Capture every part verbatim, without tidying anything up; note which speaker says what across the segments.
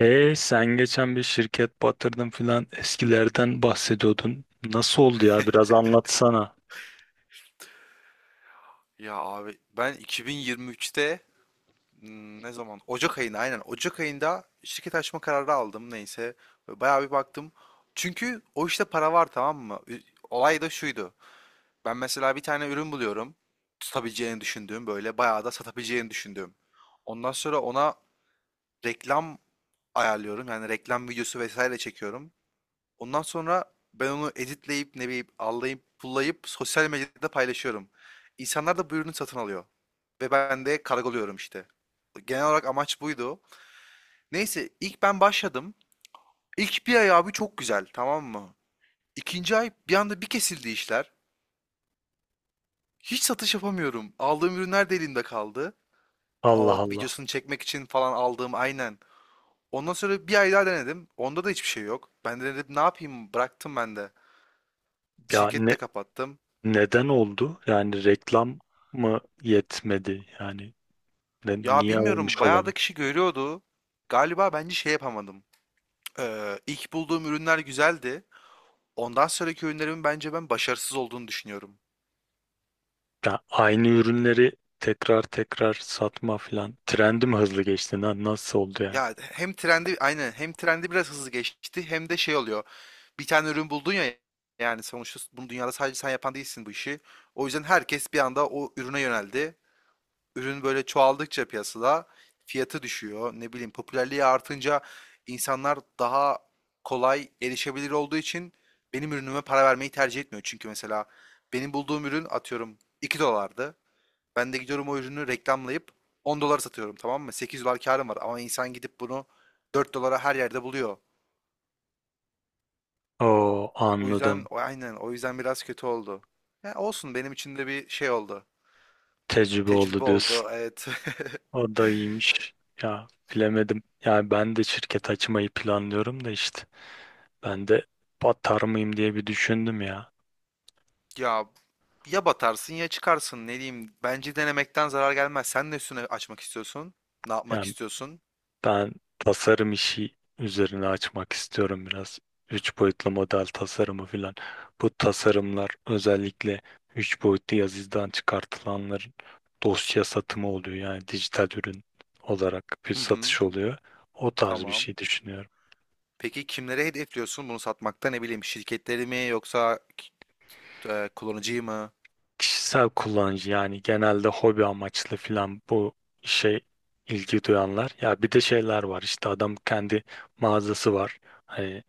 Speaker 1: Hey sen geçen bir şirket batırdın filan eskilerden bahsediyordun. Nasıl oldu ya? Biraz anlatsana.
Speaker 2: Ya abi, ben iki bin yirmi üçte hmm, ne zaman? Ocak ayında, aynen. Ocak ayında şirket açma kararı aldım, neyse. Bayağı bir baktım. Çünkü o işte para var, tamam mı? Ü- Olay da şuydu. Ben mesela bir tane ürün buluyorum. Tutabileceğini düşündüğüm, böyle bayağı da satabileceğini düşündüğüm. Ondan sonra ona reklam ayarlıyorum. Yani reklam videosu vesaire çekiyorum. Ondan sonra ben onu editleyip, ne bileyim, allayıp pullayıp sosyal medyada paylaşıyorum. İnsanlar da bu ürünü satın alıyor. Ve ben de kargoluyorum işte. Genel olarak amaç buydu. Neyse, ilk ben başladım. İlk bir ay abi çok güzel, tamam mı? İkinci ay bir anda bir kesildi işler. Hiç satış yapamıyorum. Aldığım ürünler de elimde kaldı.
Speaker 1: Allah
Speaker 2: O
Speaker 1: Allah.
Speaker 2: videosunu çekmek için falan aldığım, aynen. Ondan sonra bir ay daha denedim. Onda da hiçbir şey yok. Ben de dedim ne yapayım, bıraktım ben de.
Speaker 1: Ya
Speaker 2: Şirketi de
Speaker 1: ne
Speaker 2: kapattım.
Speaker 1: neden oldu? Yani reklam mı yetmedi? Yani ne,
Speaker 2: Ya
Speaker 1: niye olmuş
Speaker 2: bilmiyorum, bayağı da
Speaker 1: olabilir?
Speaker 2: kişi görüyordu. Galiba bence şey yapamadım. Ee, ilk bulduğum ürünler güzeldi. Ondan sonraki ürünlerimin bence ben başarısız olduğunu düşünüyorum.
Speaker 1: Ya aynı ürünleri tekrar tekrar satma filan. Trendi mi hızlı geçti lan? Nasıl oldu yani?
Speaker 2: Ya hem trendi aynı hem trendi biraz hızlı geçti hem de şey oluyor. Bir tane ürün buldun ya, yani sonuçta bunu dünyada sadece sen yapan değilsin bu işi. O yüzden herkes bir anda o ürüne yöneldi. ürün böyle çoğaldıkça piyasada fiyatı düşüyor. Ne bileyim, popülerliği artınca insanlar daha kolay erişebilir olduğu için benim ürünüme para vermeyi tercih etmiyor. Çünkü mesela benim bulduğum ürün atıyorum iki dolardı. Ben de gidiyorum o ürünü reklamlayıp on dolara satıyorum, tamam mı? Sekiz dolar karım var ama insan gidip bunu dört dolara her yerde buluyor.
Speaker 1: Oo,
Speaker 2: O yüzden
Speaker 1: anladım.
Speaker 2: o- aynen, o yüzden biraz kötü oldu. Ya olsun, benim için de bir şey oldu.
Speaker 1: Tecrübe oldu
Speaker 2: Tecrübe
Speaker 1: diyorsun.
Speaker 2: oldu, evet.
Speaker 1: O da iyiymiş. Ya bilemedim. Yani ben de şirket açmayı planlıyorum da işte. Ben de batar mıyım diye bir düşündüm ya.
Speaker 2: Ya Ya batarsın ya çıkarsın, ne diyeyim. Bence denemekten zarar gelmez. Sen ne üstüne açmak istiyorsun? Ne yapmak
Speaker 1: Yani
Speaker 2: istiyorsun?
Speaker 1: ben tasarım işi üzerine açmak istiyorum biraz. Üç boyutlu model tasarımı filan. Bu tasarımlar özellikle üç boyutlu yazıcıdan çıkartılanların dosya satımı oluyor. Yani dijital ürün olarak bir
Speaker 2: Hı hı,
Speaker 1: satış oluyor. O tarz bir
Speaker 2: tamam.
Speaker 1: şey düşünüyorum.
Speaker 2: Peki kimlere hedefliyorsun bunu satmakta, ne bileyim, şirketleri mi yoksa e, kullanıcıyı mı?
Speaker 1: Kişisel kullanıcı yani genelde hobi amaçlı filan bu işe ilgi duyanlar. Ya bir de şeyler var işte adam kendi mağazası var. Hani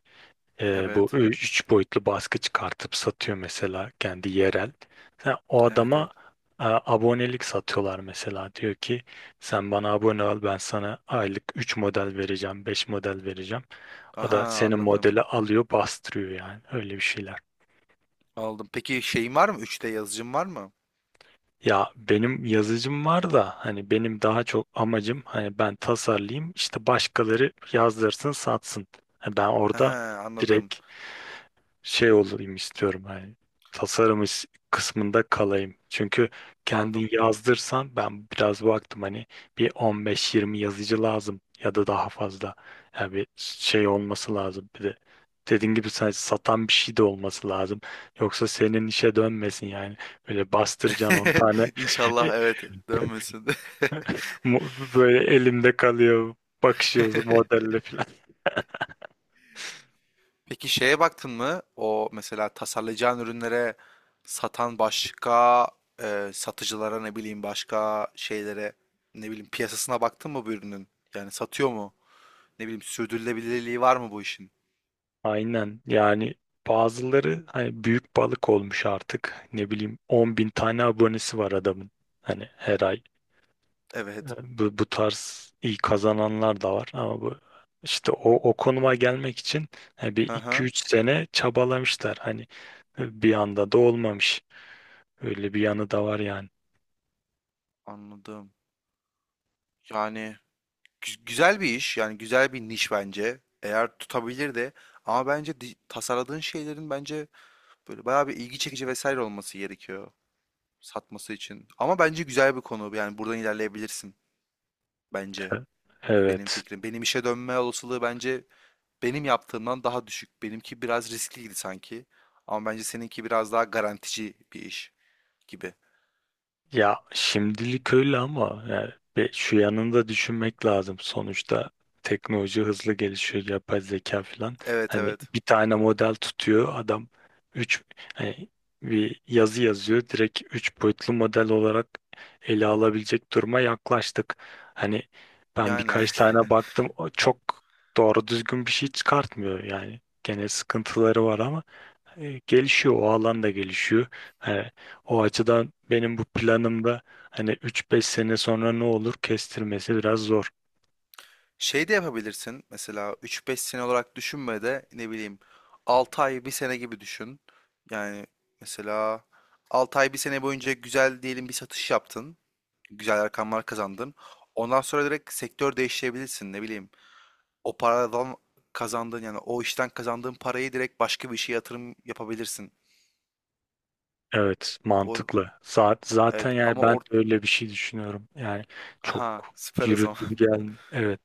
Speaker 1: e, bu
Speaker 2: Evet.
Speaker 1: ü- üç boyutlu baskı çıkartıp satıyor mesela kendi yerel. Sen o
Speaker 2: Evet, evet.
Speaker 1: adama e, abonelik satıyorlar mesela. Diyor ki sen bana abone ol, ben sana aylık üç model vereceğim, beş model vereceğim. O da
Speaker 2: Aha,
Speaker 1: senin
Speaker 2: anladım.
Speaker 1: modeli alıyor, bastırıyor, yani öyle bir şeyler.
Speaker 2: Aldım. Peki şeyin var mı? üç D yazıcın var mı?
Speaker 1: Ya benim yazıcım var da hani benim daha çok amacım hani ben tasarlayayım, işte başkaları yazdırsın satsın. Ha, ben orada
Speaker 2: Aha, anladım.
Speaker 1: direkt şey olayım istiyorum, hani tasarım is- kısmında kalayım. Çünkü
Speaker 2: Aldım.
Speaker 1: kendin yazdırsan, ben biraz baktım, hani bir on beş yirmi yazıcı lazım ya da daha fazla. Yani bir şey olması lazım bir de. Dediğin gibi sen satan bir şey de olması lazım. Yoksa senin işe dönmesin yani. Böyle bastıracaksın on tane.
Speaker 2: İnşallah evet dönmesin.
Speaker 1: Mu- Böyle elimde kalıyor. Bakışıyoruz modelle.
Speaker 2: Peki şeye baktın mı? O mesela tasarlayacağın ürünlere satan başka, e, satıcılara, ne bileyim başka şeylere, ne bileyim, piyasasına baktın mı bu ürünün? Yani satıyor mu? Ne bileyim, sürdürülebilirliği var mı bu işin?
Speaker 1: Aynen yani bazıları hani büyük balık olmuş artık, ne bileyim on bin tane abonesi var adamın, hani her ay. E,
Speaker 2: Evet.
Speaker 1: bu, bu tarz iyi kazananlar da var ama bu işte o, o konuma gelmek için e, bir
Speaker 2: Hı
Speaker 1: iki
Speaker 2: hı.
Speaker 1: üç sene çabalamışlar, hani e, bir anda da olmamış, öyle bir yanı da var yani.
Speaker 2: Anladım. Yani gü- güzel bir iş. Yani güzel bir niş bence. Eğer tutabilir de, ama bence di- tasarladığın şeylerin bence böyle bayağı bir ilgi çekici vesaire olması gerekiyor satması için. Ama bence güzel bir konu. Yani buradan ilerleyebilirsin.
Speaker 1: E,
Speaker 2: Bence benim
Speaker 1: Evet.
Speaker 2: fikrim. Benim işe dönme olasılığı bence benim yaptığımdan daha düşük. Benimki biraz riskliydi sanki. Ama bence seninki biraz daha garantici bir iş gibi.
Speaker 1: Ya şimdilik öyle ama yani ve şu yanında düşünmek lazım. Sonuçta teknoloji hızlı gelişiyor, yapay zeka falan.
Speaker 2: Evet,
Speaker 1: Hani
Speaker 2: evet.
Speaker 1: bir tane model tutuyor adam, üç hani bir yazı yazıyor. Direkt üç boyutlu model olarak ele alabilecek duruma yaklaştık. Hani ben
Speaker 2: Yani
Speaker 1: birkaç tane baktım, o çok doğru düzgün bir şey çıkartmıyor yani. Gene sıkıntıları var ama e, gelişiyor, o alan da gelişiyor. Hani o açıdan benim bu planımda hani üç beş sene sonra ne olur, kestirmesi biraz zor.
Speaker 2: şey de yapabilirsin. Mesela üç beş sene olarak düşünme de, ne bileyim, altı ay bir sene gibi düşün. Yani mesela altı ay bir sene boyunca güzel diyelim bir satış yaptın. Güzel rakamlar kazandın. Ondan sonra direkt sektör değiştirebilirsin, ne bileyim. O paradan kazandığın, yani o işten kazandığın parayı direkt başka bir işe yatırım yapabilirsin.
Speaker 1: Evet,
Speaker 2: Bu,
Speaker 1: mantıklı. Zaten, zaten
Speaker 2: evet
Speaker 1: yani
Speaker 2: ama
Speaker 1: ben de
Speaker 2: or
Speaker 1: öyle bir şey düşünüyorum. Yani çok
Speaker 2: aha, süper o
Speaker 1: yürür
Speaker 2: zaman.
Speaker 1: gibi gelmiyor. Evet.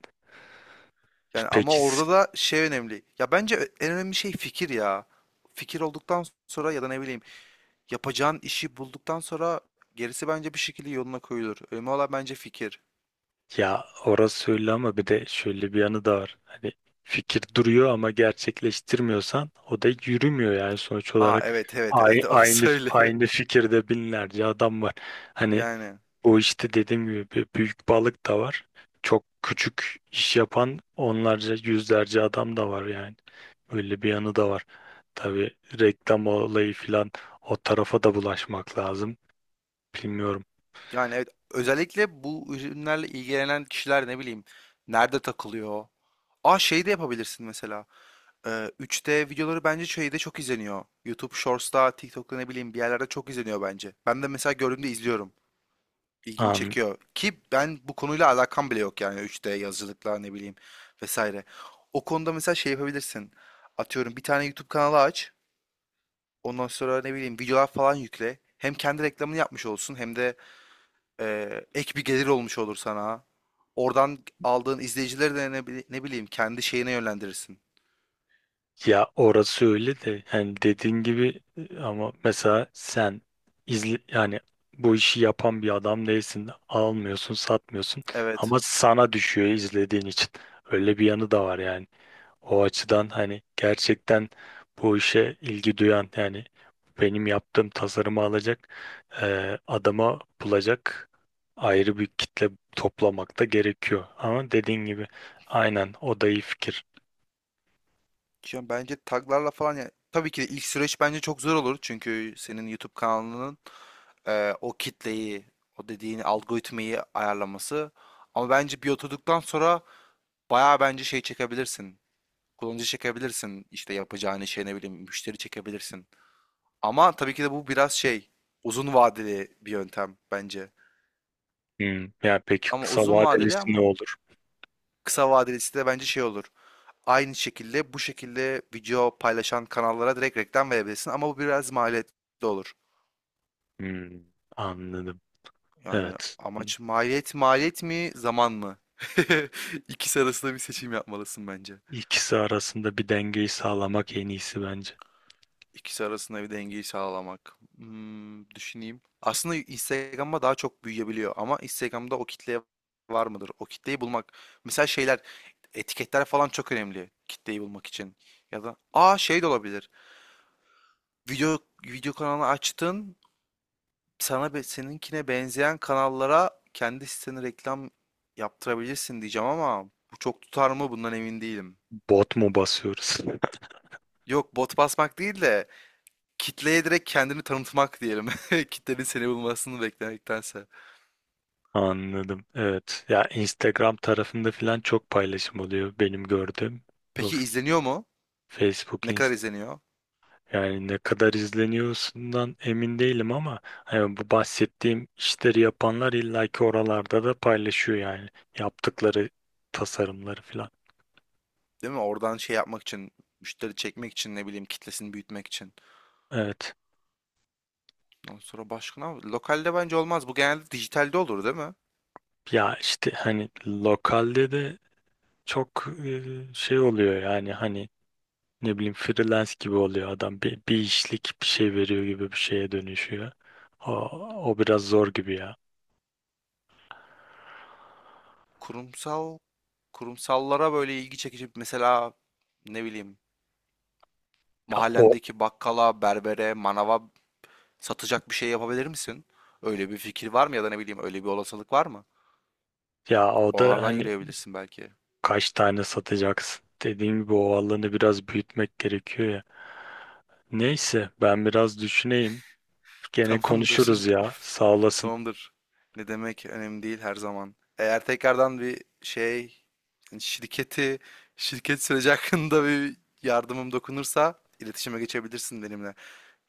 Speaker 2: Yani ama
Speaker 1: Peki. S-
Speaker 2: orada da şey önemli. Ya bence en önemli şey fikir ya. Fikir olduktan sonra, ya da ne bileyim, yapacağın işi bulduktan sonra gerisi bence bir şekilde yoluna koyulur. Önemli olan bence fikir.
Speaker 1: ya orası öyle ama bir de şöyle bir yanı da var. Hani fikir duruyor ama gerçekleştirmiyorsan o da yürümüyor, yani sonuç
Speaker 2: Aa,
Speaker 1: olarak.
Speaker 2: evet evet
Speaker 1: Ay-
Speaker 2: evet,
Speaker 1: Aynı
Speaker 2: orası öyle.
Speaker 1: aynı fikirde binlerce adam var. Hani
Speaker 2: Yani
Speaker 1: o işte dediğim gibi bir büyük balık da var. Çok küçük iş yapan onlarca, yüzlerce adam da var yani. Öyle bir yanı da var. Tabii reklam olayı filan, o tarafa da bulaşmak lazım. Bilmiyorum.
Speaker 2: yani evet, özellikle bu ürünlerle ilgilenen kişiler ne bileyim nerede takılıyor? Aa, şey de yapabilirsin mesela. Ee, üç D videoları bence şeyde çok izleniyor. YouTube Shorts'ta, TikTok'ta, ne bileyim, bir yerlerde çok izleniyor bence. Ben de mesela gördüğümde izliyorum. İlgimi
Speaker 1: An
Speaker 2: çekiyor. Ki ben bu konuyla alakam bile yok yani, üç D yazıcılıkla ne bileyim vesaire. O konuda mesela şey yapabilirsin. Atıyorum bir tane YouTube kanalı aç. Ondan sonra, ne bileyim, videolar falan yükle. Hem kendi reklamını yapmış olsun hem de e, ek bir gelir olmuş olur sana. Oradan aldığın izleyicileri de ne, bili- ne bileyim kendi şeyine yönlendirirsin.
Speaker 1: Ya orası öyle de, yani dediğin gibi, e, ama mesela sen izle yani, bu işi yapan bir adam değilsin. Almıyorsun, satmıyorsun
Speaker 2: Evet.
Speaker 1: ama sana düşüyor izlediğin için. Öyle bir yanı da var yani. O açıdan hani gerçekten bu işe ilgi duyan yani, benim yaptığım tasarımı alacak, e, adama bulacak ayrı bir kitle toplamak da gerekiyor. Ama dediğin gibi aynen, o da iyi fikir.
Speaker 2: Ya bence taglarla falan, ya tabii ki de ilk süreç bence çok zor olur çünkü senin YouTube kanalının e, o kitleyi, o dediğin algoritmayı ayarlaması, ama bence bir oturduktan sonra bayağı bence şey çekebilirsin, kullanıcı çekebilirsin, işte yapacağın şey ne bileyim müşteri çekebilirsin, ama tabii ki de bu biraz şey uzun vadeli bir yöntem bence.
Speaker 1: Hmm, yani peki
Speaker 2: Ama
Speaker 1: kısa
Speaker 2: uzun vadeli,
Speaker 1: vadelisi ne
Speaker 2: ama
Speaker 1: olur?
Speaker 2: kısa vadelisi de bence şey olur, aynı şekilde bu şekilde video paylaşan kanallara direkt reklam verebilirsin ama bu biraz maliyetli olur.
Speaker 1: Hmm, anladım.
Speaker 2: Yani
Speaker 1: Evet.
Speaker 2: amaç maliyet maliyet mi zaman mı? İkisi arasında bir seçim yapmalısın bence.
Speaker 1: İkisi arasında bir dengeyi sağlamak en iyisi bence.
Speaker 2: İkisi arasında bir dengeyi sağlamak. Hmm, düşüneyim. Aslında Instagram'a daha çok büyüyebiliyor ama Instagram'da o kitleye var mıdır? O kitleyi bulmak. Mesela şeyler, etiketler falan çok önemli kitleyi bulmak için. Ya da aa, şey de olabilir. Video video kanalı açtın, sana be seninkine benzeyen kanallara kendi sitene reklam yaptırabilirsin diyeceğim ama bu çok tutar mı bundan emin değilim.
Speaker 1: Bot mu basıyoruz?
Speaker 2: Yok, bot basmak değil de kitleye direkt kendini tanıtmak diyelim. Kitlenin seni bulmasını beklemektense.
Speaker 1: Anladım. Evet. Ya Instagram tarafında falan çok paylaşım oluyor benim gördüğüm. Bu
Speaker 2: Peki izleniyor mu?
Speaker 1: Facebook,
Speaker 2: Ne kadar
Speaker 1: Inst
Speaker 2: izleniyor?
Speaker 1: Yani ne kadar izleniyorsundan emin değilim ama hani bu bahsettiğim işleri yapanlar illaki oralarda da paylaşıyor yani, yaptıkları tasarımları falan.
Speaker 2: Değil mi? Oradan şey yapmak için, müşteri çekmek için ne bileyim kitlesini büyütmek için.
Speaker 1: Evet.
Speaker 2: Ondan sonra başka ne var? Lokalde bence olmaz. Bu genelde dijitalde olur değil mi?
Speaker 1: Ya işte hani lokalde de çok e, şey oluyor yani, hani ne bileyim freelance gibi oluyor, adam bir, bir işlik bir şey veriyor gibi bir şeye dönüşüyor. O, o biraz zor gibi ya.
Speaker 2: Kurumsal, kurumsallara böyle ilgi çekici mesela ne bileyim
Speaker 1: Ya o
Speaker 2: mahallemdeki bakkala, berbere, manava satacak bir şey yapabilir misin? Öyle bir fikir var mı ya da ne bileyim öyle bir olasılık var mı?
Speaker 1: ya o da
Speaker 2: Oralardan
Speaker 1: hani
Speaker 2: yürüyebilirsin belki.
Speaker 1: kaç tane satacaksın? Dediğim gibi o alanı biraz büyütmek gerekiyor ya. Neyse ben biraz düşüneyim. Gene
Speaker 2: Tamamdır.
Speaker 1: konuşuruz ya. Sağ olasın.
Speaker 2: Tamamdır. Ne demek, önemli değil her zaman. Eğer tekrardan bir şey hani, şirketi, şirket süreci hakkında bir yardımım dokunursa iletişime geçebilirsin benimle.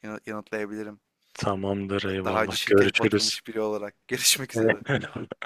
Speaker 2: Yana- Yanıtlayabilirim.
Speaker 1: Tamamdır,
Speaker 2: Daha önce
Speaker 1: eyvallah.
Speaker 2: şirket
Speaker 1: Görüşürüz.
Speaker 2: batırmış biri olarak. Görüşmek üzere.